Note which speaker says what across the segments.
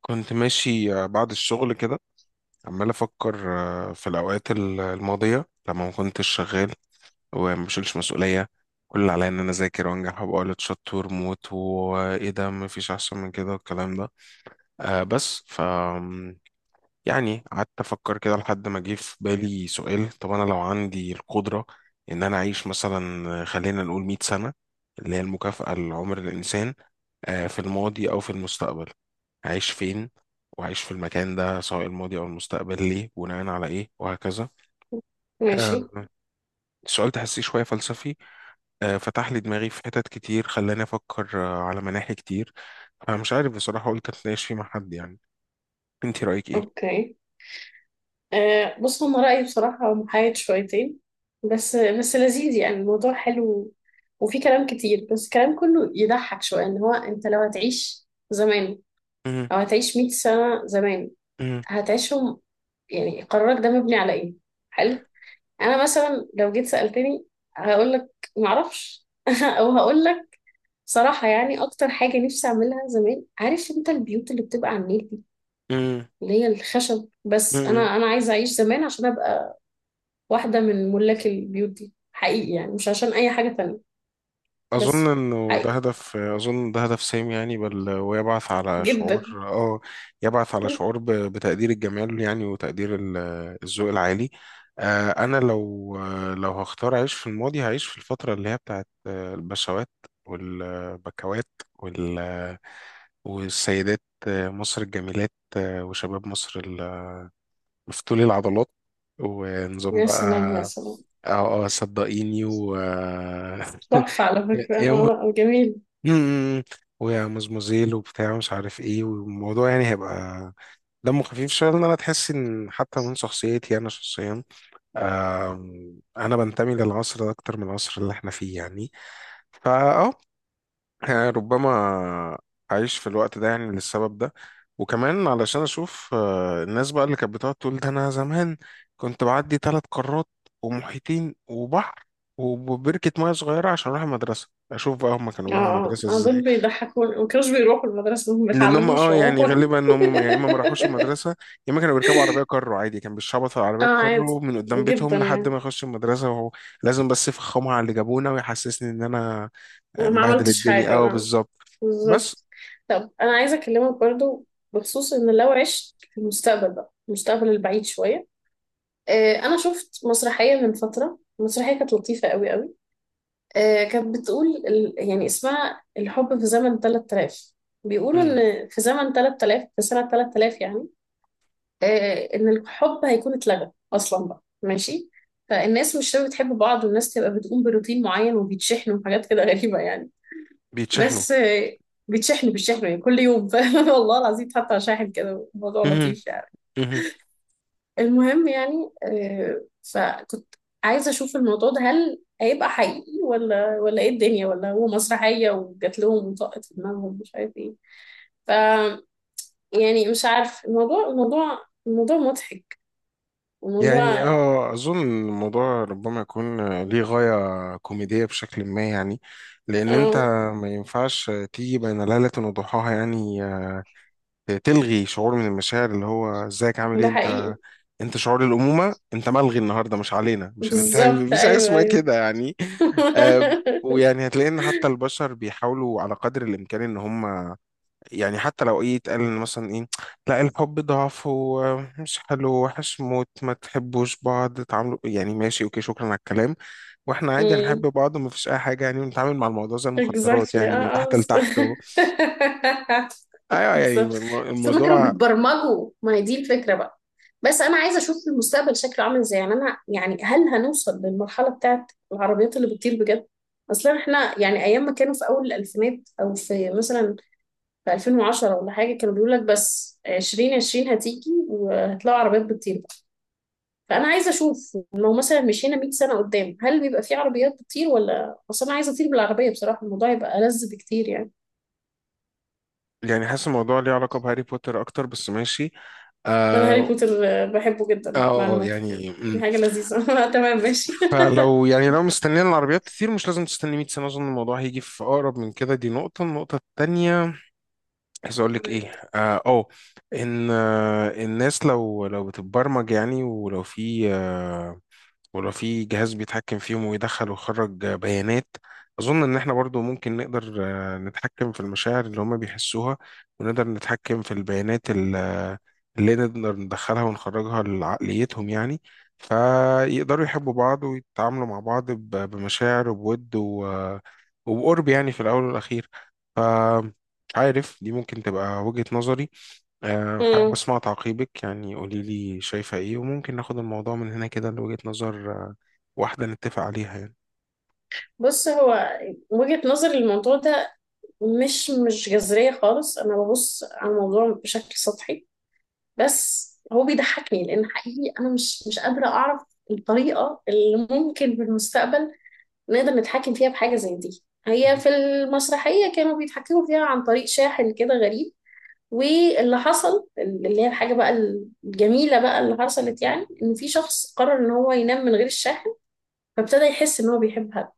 Speaker 1: كنت ماشي، بعد الشغل كده عمال أفكر، في الأوقات الماضية لما ما كنتش شغال، وما بشيلش مسؤولية. كل اللي عليا إن أنا أذاكر وأنجح وأبقى ولد شطور موت. وإيه ده، مفيش أحسن من كده والكلام ده. بس يعني قعدت أفكر كده لحد ما جه في بالي سؤال. طب أنا لو عندي القدرة إن أنا أعيش مثلا، خلينا نقول 100 سنة، اللي هي المكافأة لعمر الإنسان، في الماضي أو في المستقبل، عايش فين؟ وعايش في المكان ده سواء الماضي أو المستقبل ليه؟ بناء على إيه؟ وهكذا. آه،
Speaker 2: ماشي.
Speaker 1: السؤال تحسيه شوية فلسفي، فتح لي دماغي في حتت كتير، خلاني أفكر، على مناحي كتير. فمش عارف بصراحة، قلت أتناقش فيه مع حد يعني. أنت رأيك إيه؟
Speaker 2: اوكي. بص هو رأيي بصراحة محايد شويتين. بس بس لذيذ، يعني الموضوع حلو وفي كلام كتير بس الكلام كله يضحك شوية ان هو انت لو هتعيش زمان او هتعيش 100 سنة زمان هتعيشهم. يعني قرارك ده مبني على ايه؟ حلو. انا مثلا لو جيت سألتني هقول لك معرفش. او هقول لك صراحة، يعني اكتر حاجة نفسي اعملها زمان، عارف انت البيوت اللي بتبقى على النيل، اللي هي الخشب، بس انا انا عايزه اعيش زمان عشان ابقى واحده من ملاك البيوت دي حقيقي، يعني مش عشان اي حاجه تانية.
Speaker 1: أظن
Speaker 2: بس
Speaker 1: إنه ده
Speaker 2: حقيقي
Speaker 1: هدف، أظن ده هدف سامي يعني، بل ويبعث على شعور،
Speaker 2: جدا.
Speaker 1: يبعث على شعور بتقدير الجمال يعني، وتقدير الذوق العالي. أنا لو هختار أعيش في الماضي، هعيش في الفترة اللي هي بتاعت، البشوات والبكوات وال والسيدات، مصر الجميلات، وشباب مصر مفتولي العضلات. ونظام
Speaker 2: يا سلام يا
Speaker 1: بقى.
Speaker 2: سلام.
Speaker 1: اه. اه صدقيني
Speaker 2: تحفه على فكره،
Speaker 1: يوم.
Speaker 2: اه، لا جميل.
Speaker 1: امم ويا مزمزيل وبتاع مش عارف ايه، والموضوع يعني هيبقى دمه خفيف شويه. لان انا تحس ان حتى من شخصيتي انا شخصيا، انا بنتمي للعصر ده اكتر من العصر اللي احنا فيه يعني. فاه آه، يعني ربما اعيش في الوقت ده يعني للسبب ده. وكمان علشان اشوف، الناس بقى اللي كانت بتقعد تقول ده، انا زمان كنت بعدي ثلاث قارات ومحيطين وبحر وبركة مياه صغيرة عشان أروح المدرسة. أشوف بقى هما كانوا
Speaker 2: اه
Speaker 1: بيروحوا
Speaker 2: اه،
Speaker 1: المدرسة إزاي.
Speaker 2: دول بيضحكون، ما كانوش بيروحوا المدرسه، ما
Speaker 1: لان هم،
Speaker 2: بيتعلموش
Speaker 1: يعني
Speaker 2: عموما.
Speaker 1: غالبا ان هم، يا اما ما راحوش المدرسه، يا اما كانوا بيركبوا عربيه كارو عادي. كان بيشخبطوا على
Speaker 2: اه
Speaker 1: عربيه كارو
Speaker 2: عادي
Speaker 1: من قدام
Speaker 2: جدا
Speaker 1: بيتهم لحد ما
Speaker 2: يعني.
Speaker 1: يخش المدرسه. وهو لازم بس يفخمها على اللي جابونا ويحسسني ان انا،
Speaker 2: أنا ما
Speaker 1: مبهدل
Speaker 2: عملتش
Speaker 1: الدنيا.
Speaker 2: حاجة،
Speaker 1: اه،
Speaker 2: اه،
Speaker 1: بالظبط. بس.
Speaker 2: بالظبط. طب أنا عايزة أكلمك برضو بخصوص إن لو عشت في المستقبل بقى، المستقبل البعيد شوية. انا شفت مسرحيه من فتره، المسرحيه كانت لطيفه قوي قوي. كانت بتقول يعني اسمها الحب في زمن 3000. بيقولوا
Speaker 1: مم.
Speaker 2: ان في زمن 3000، في سنه 3000 يعني، ان الحب هيكون اتلغى اصلا بقى ماشي. فالناس مش هتبقى بتحب بعض، والناس تبقى بتقوم بروتين معين وبيتشحنوا وحاجات كده غريبه يعني.
Speaker 1: بيتشحنوا.
Speaker 2: بس بيتشحنوا بيتشحنوا يعني كل يوم، والله العظيم حتى شاحن كده، الموضوع
Speaker 1: مهم.
Speaker 2: لطيف يعني.
Speaker 1: مهم.
Speaker 2: المهم يعني، فكنت عايزة أشوف الموضوع ده، هل هيبقى حقيقي ولا إيه الدنيا، ولا هو مسرحية وجات لهم وطقت في دماغهم، مش عارف إيه. ف يعني مش عارف، الموضوع مضحك،
Speaker 1: يعني
Speaker 2: الموضوع.
Speaker 1: اظن الموضوع ربما يكون ليه غايه كوميديه بشكل ما يعني. لان انت
Speaker 2: اه،
Speaker 1: ما ينفعش تيجي بين ليله وضحاها يعني، تلغي شعور من المشاعر. اللي هو، ازيك عامل ايه
Speaker 2: ده حقيقي.
Speaker 1: انت؟ انت شعور الامومه انت ملغي النهارده، مش علينا، مش هنمتحن يعني،
Speaker 2: بالظبط،
Speaker 1: مفيش حاجه
Speaker 2: أيوه
Speaker 1: اسمها
Speaker 2: أيوه.
Speaker 1: كده يعني. آه، ويعني هتلاقي ان حتى البشر بيحاولوا على قدر الامكان ان هم، يعني حتى لو ايه يتقال، إن مثلا ايه، لا الحب ضعف ومش حلو، وحش موت ما تحبوش بعض، تعاملوا يعني، ماشي، اوكي، شكرا على الكلام. واحنا عادي هنحب
Speaker 2: مم.
Speaker 1: بعض وما فيش اي حاجه يعني، ونتعامل مع الموضوع زي المخدرات
Speaker 2: exactly،
Speaker 1: يعني، من
Speaker 2: اه،
Speaker 1: تحت
Speaker 2: بالظبط.
Speaker 1: لتحت و... ايوه يعني
Speaker 2: بالظبط. بس هما كانوا
Speaker 1: الموضوع،
Speaker 2: بيتبرمجوا، ما هي دي الفكرة بقى. بس أنا عايزة أشوف المستقبل شكله عامل إزاي يعني. أنا يعني هل هنوصل للمرحلة بتاعت العربيات اللي بتطير بجد؟ أصلا إحنا يعني أيام ما كانوا في أول الألفينات أو في مثلا في 2010 ولا حاجة، كانوا بيقول لك بس 2020 هتيجي وهتلاقوا عربيات بتطير بقى. فأنا عايزة أشوف لو مثلا مشينا 100 سنة قدام هل بيبقى في عربيات بتطير، ولا أصل أنا عايزة أطير بالعربية، بصراحة الموضوع يبقى ألذ بكتير يعني.
Speaker 1: يعني حاسس الموضوع ليه علاقة بهاري بوتر أكتر، بس ماشي.
Speaker 2: انا هاري
Speaker 1: آه
Speaker 2: بوتر بحبه جدا، معلوماتك يعني.
Speaker 1: يعني
Speaker 2: دي
Speaker 1: مم.
Speaker 2: حاجة لذيذة. أنا تمام ماشي.
Speaker 1: فلو يعني لو مستنيين العربيات كتير، مش لازم تستني 100 سنة، أظن الموضوع هيجي في أقرب من كده. دي النقطة التانية، عايز أقول لك إيه، آه أوه إن، الناس لو بتتبرمج يعني، ولو في ولو في جهاز بيتحكم فيهم ويدخل ويخرج بيانات، أظن إن إحنا برضو ممكن نقدر، نتحكم في المشاعر اللي هما بيحسوها، ونقدر نتحكم في البيانات اللي نقدر ندخلها ونخرجها لعقليتهم يعني. فيقدروا يحبوا بعض ويتعاملوا مع بعض، بمشاعر وبود وبقرب يعني، في الأول والأخير. ف- مش عارف، دي ممكن تبقى وجهة نظري. حابب
Speaker 2: مم.
Speaker 1: أسمع تعقيبك يعني، قولي لي شايفة إيه، وممكن ناخد الموضوع من هنا كده لوجهة نظر، واحدة نتفق عليها يعني.
Speaker 2: بص، هو وجهة نظري للموضوع ده مش جذرية خالص. أنا ببص على الموضوع بشكل سطحي بس هو بيضحكني، لأن حقيقي أنا مش قادرة أعرف الطريقة اللي ممكن في المستقبل نقدر نتحكم فيها بحاجة زي دي. هي
Speaker 1: مهم.
Speaker 2: في المسرحية كانوا بيتحكموا فيها عن طريق شاحن كده غريب. واللي حصل اللي هي الحاجة بقى الجميلة بقى اللي حصلت، يعني إن في شخص قرر إن هو ينام من غير الشاحن، فابتدى يحس إن هو بيحب حد،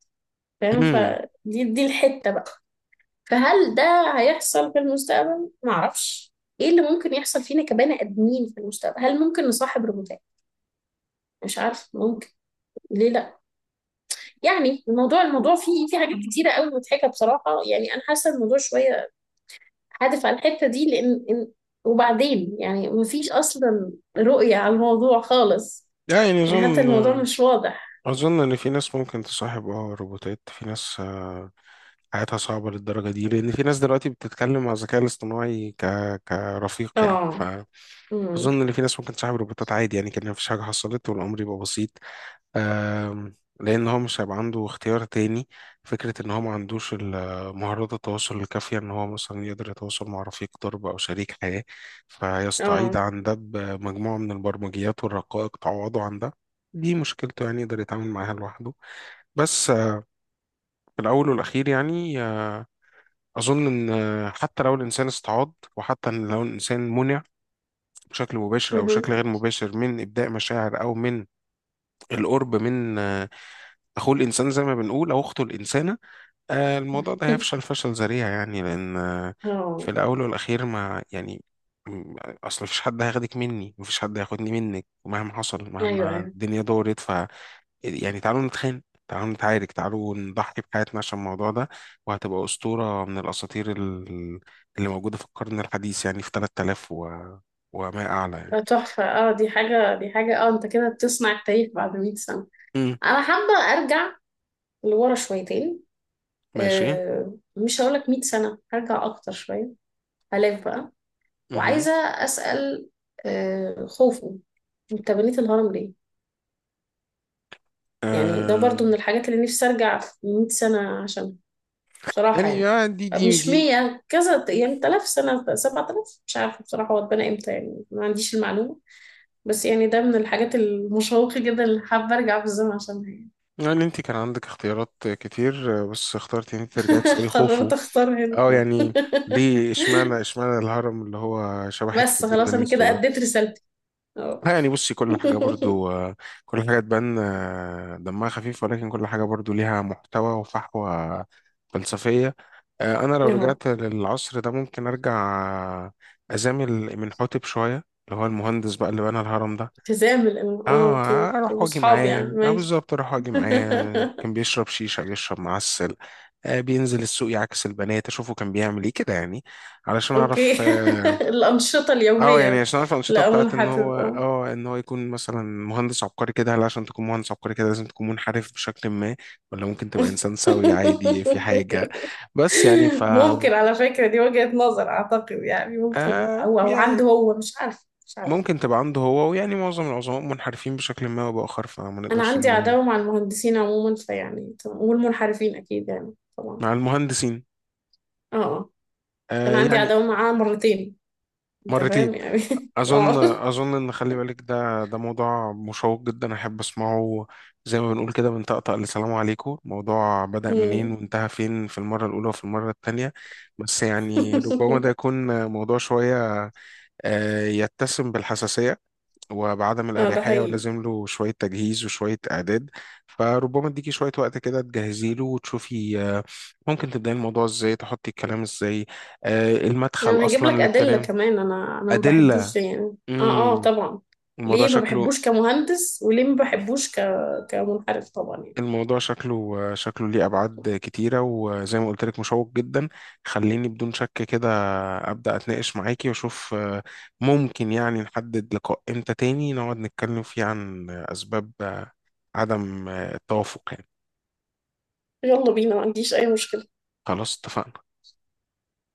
Speaker 2: فاهم؟
Speaker 1: مم.
Speaker 2: فدي دي الحتة بقى. فهل ده هيحصل في المستقبل؟ معرفش. إيه اللي ممكن يحصل فينا كبني آدمين في المستقبل؟ هل ممكن نصاحب روبوتات؟ مش عارف، ممكن، ليه لا. يعني الموضوع، الموضوع فيه حاجات كتيرة قوي مضحكة بصراحة، يعني أنا حاسة الموضوع شوية هدف على الحتة دي لأن إن- وبعدين يعني مفيش أصلا رؤية على الموضوع خالص.
Speaker 1: لا يعني
Speaker 2: يعني حتى
Speaker 1: أظن،
Speaker 2: الموضوع مش واضح.
Speaker 1: إن في ناس ممكن تصاحب روبوتات. في ناس، حياتها صعبة للدرجة دي، لأن في ناس دلوقتي بتتكلم مع الذكاء الاصطناعي ك... كرفيق يعني.
Speaker 2: اه، امم،
Speaker 1: أظن إن في ناس ممكن تصاحب روبوتات عادي يعني، كأن مفيش حاجة حصلت، والأمر يبقى بسيط. لأن هو مش هيبقى عنده اختيار تاني. فكرة إن هو ما عندوش مهارات التواصل الكافية، إن هو مثلا يقدر يتواصل مع رفيق درب أو شريك حياة، فيستعيض
Speaker 2: اه،
Speaker 1: عن ده بمجموعة من البرمجيات والرقائق تعوضه عن ده. دي مشكلته يعني، يقدر يتعامل معاها لوحده. بس، في الأول والأخير يعني، أظن إن، حتى لو الإنسان استعاض، وحتى إن لو الإنسان منع بشكل مباشر أو
Speaker 2: مهم.
Speaker 1: بشكل غير مباشر من إبداء مشاعر أو من القرب من، أخوه الإنسان زي ما بنقول، أو أخته الإنسانة، الموضوع ده هيفشل فشل ذريع يعني. لأن، في
Speaker 2: اه،
Speaker 1: الأول والأخير ما يعني، م- أصل مفيش حد هياخدك مني، مفيش حد هياخدني منك، مهما حصل،
Speaker 2: ايوه
Speaker 1: مهما
Speaker 2: ايوه.
Speaker 1: الدنيا دورت. يعني تعالوا نتخانق، تعالوا نتعارك، تعالوا نضحي بحياتنا عشان الموضوع ده. وهتبقى أسطورة من الأساطير اللي موجودة في القرن الحديث يعني، في 3000 و... وما أعلى يعني.
Speaker 2: لا، تحفة، اه دي حاجة دي حاجة، اه انت كده بتصنع التاريخ بعد 100 سنة.
Speaker 1: مم.
Speaker 2: انا حابة ارجع لورا شويتين.
Speaker 1: ماشي.
Speaker 2: مش هقولك 100 سنة، هرجع اكتر شوية، الاف بقى.
Speaker 1: مهم.
Speaker 2: وعايزة اسأل خوفو، انت بنيت الهرم؟ يعني ده برضو
Speaker 1: آه
Speaker 2: من الحاجات اللي نفسي ارجع في 100 سنة عشان، بصراحة
Speaker 1: يعني،
Speaker 2: يعني
Speaker 1: دي دي
Speaker 2: مش
Speaker 1: دي
Speaker 2: 100 كذا، يعني 3000 سنة، 7000، مش عارفة بصراحة هو اتبنى امتى، يعني ما عنديش المعلومة. بس يعني ده من الحاجات المشوقة جدا اللي حابة ارجع في الزمن عشانها يعني.
Speaker 1: يعني، انت كان عندك اختيارات كتير، بس اخترت ان انت ترجعي تسألي خوفو.
Speaker 2: قررت اختار هنا،
Speaker 1: اه
Speaker 2: اه.
Speaker 1: يعني، ليه؟ اشمعنى الهرم اللي هو شبه حتة
Speaker 2: بس
Speaker 1: الجبنة
Speaker 2: خلاص انا
Speaker 1: النستو
Speaker 2: كده
Speaker 1: ده؟
Speaker 2: اديت رسالتي،
Speaker 1: اه
Speaker 2: اه.
Speaker 1: يعني، بصي كل حاجة برضو، كل حاجة تبان، دمها خفيف، ولكن كل حاجة برضو ليها محتوى وفحوى فلسفية. انا لو
Speaker 2: اه،
Speaker 1: رجعت للعصر ده، ممكن ارجع، آه، ازامل من حوتب شوية، اللي هو المهندس بقى اللي بنى الهرم ده.
Speaker 2: التزام الإمام. اه،
Speaker 1: اه،
Speaker 2: اوكي،
Speaker 1: اروح واجي
Speaker 2: واصحابي
Speaker 1: معاه.
Speaker 2: يعني
Speaker 1: اه
Speaker 2: ماشي.
Speaker 1: بالظبط، اروح واجي معاه، كان بيشرب شيشه، بيشرب معسل، بينزل السوق يعكس البنات. اشوفه كان بيعمل ايه كده يعني، علشان
Speaker 2: أوكي.
Speaker 1: اعرف.
Speaker 2: الأنشطة
Speaker 1: يعني
Speaker 2: اليومية.
Speaker 1: عشان اعرف الانشطه
Speaker 2: لا أظن،
Speaker 1: بتاعت ان هو،
Speaker 2: هتبقى.
Speaker 1: ان هو يكون مثلا مهندس عبقري كده. هل عشان تكون مهندس عبقري كده لازم تكون منحرف بشكل ما، ولا ممكن تبقى انسان سوي عادي في حاجه؟ بس يعني
Speaker 2: ممكن، على فكرة دي وجهة نظر، أعتقد يعني ممكن أو عنده
Speaker 1: يعني
Speaker 2: هو، مش عارف مش عارف.
Speaker 1: ممكن تبقى عنده هو، ويعني معظم العظماء منحرفين بشكل ما او باخر، فما
Speaker 2: أنا
Speaker 1: نقدرش
Speaker 2: عندي
Speaker 1: نلومهم.
Speaker 2: عداوة مع المهندسين عموما فيعني والمنحرفين أكيد يعني طبعا.
Speaker 1: مع المهندسين،
Speaker 2: اه آه. كان عندي
Speaker 1: يعني،
Speaker 2: عداوة معاه مرتين. أنت
Speaker 1: مرتين.
Speaker 2: فاهم يعني. اه.
Speaker 1: أظن إن، خلي بالك ده موضوع مشوق جدا أحب أسمعه، زي ما بنقول كده من طقطق لسلام عليكم. الموضوع بدأ منين
Speaker 2: أمم.
Speaker 1: وانتهى فين في المرة الأولى وفي المرة التانية؟ بس يعني، ربما ده يكون موضوع شوية، يتسم بالحساسية وبعدم
Speaker 2: اه ده
Speaker 1: الأريحية،
Speaker 2: حقيقي.
Speaker 1: ولازم له شوية تجهيز وشوية إعداد. فربما اديكي شوية وقت كده تجهزي له، وتشوفي، ممكن تبدأي الموضوع ازاي، تحطي الكلام ازاي، المدخل
Speaker 2: انا هجيب
Speaker 1: أصلا
Speaker 2: لك ادله
Speaker 1: للكلام.
Speaker 2: كمان، انا ما بحبوش
Speaker 1: أدلة.
Speaker 2: ده يعني، اه اه
Speaker 1: امم
Speaker 2: طبعا.
Speaker 1: الموضوع
Speaker 2: ليه ما
Speaker 1: شكله،
Speaker 2: بحبوش كمهندس وليه ما بحبوش كمنحرف طبعا يعني.
Speaker 1: الموضوع شكله ليه أبعاد كتيرة، وزي ما قلت لك، مشوق جدا. خليني بدون شك كده أبدأ أتناقش معاكي، وأشوف، ممكن يعني نحدد لقاء إمتى تاني نقعد نتكلم فيه عن أسباب، عدم، التوافق يعني.
Speaker 2: يلا بينا، ما عنديش اي مشكله.
Speaker 1: خلاص، اتفقنا.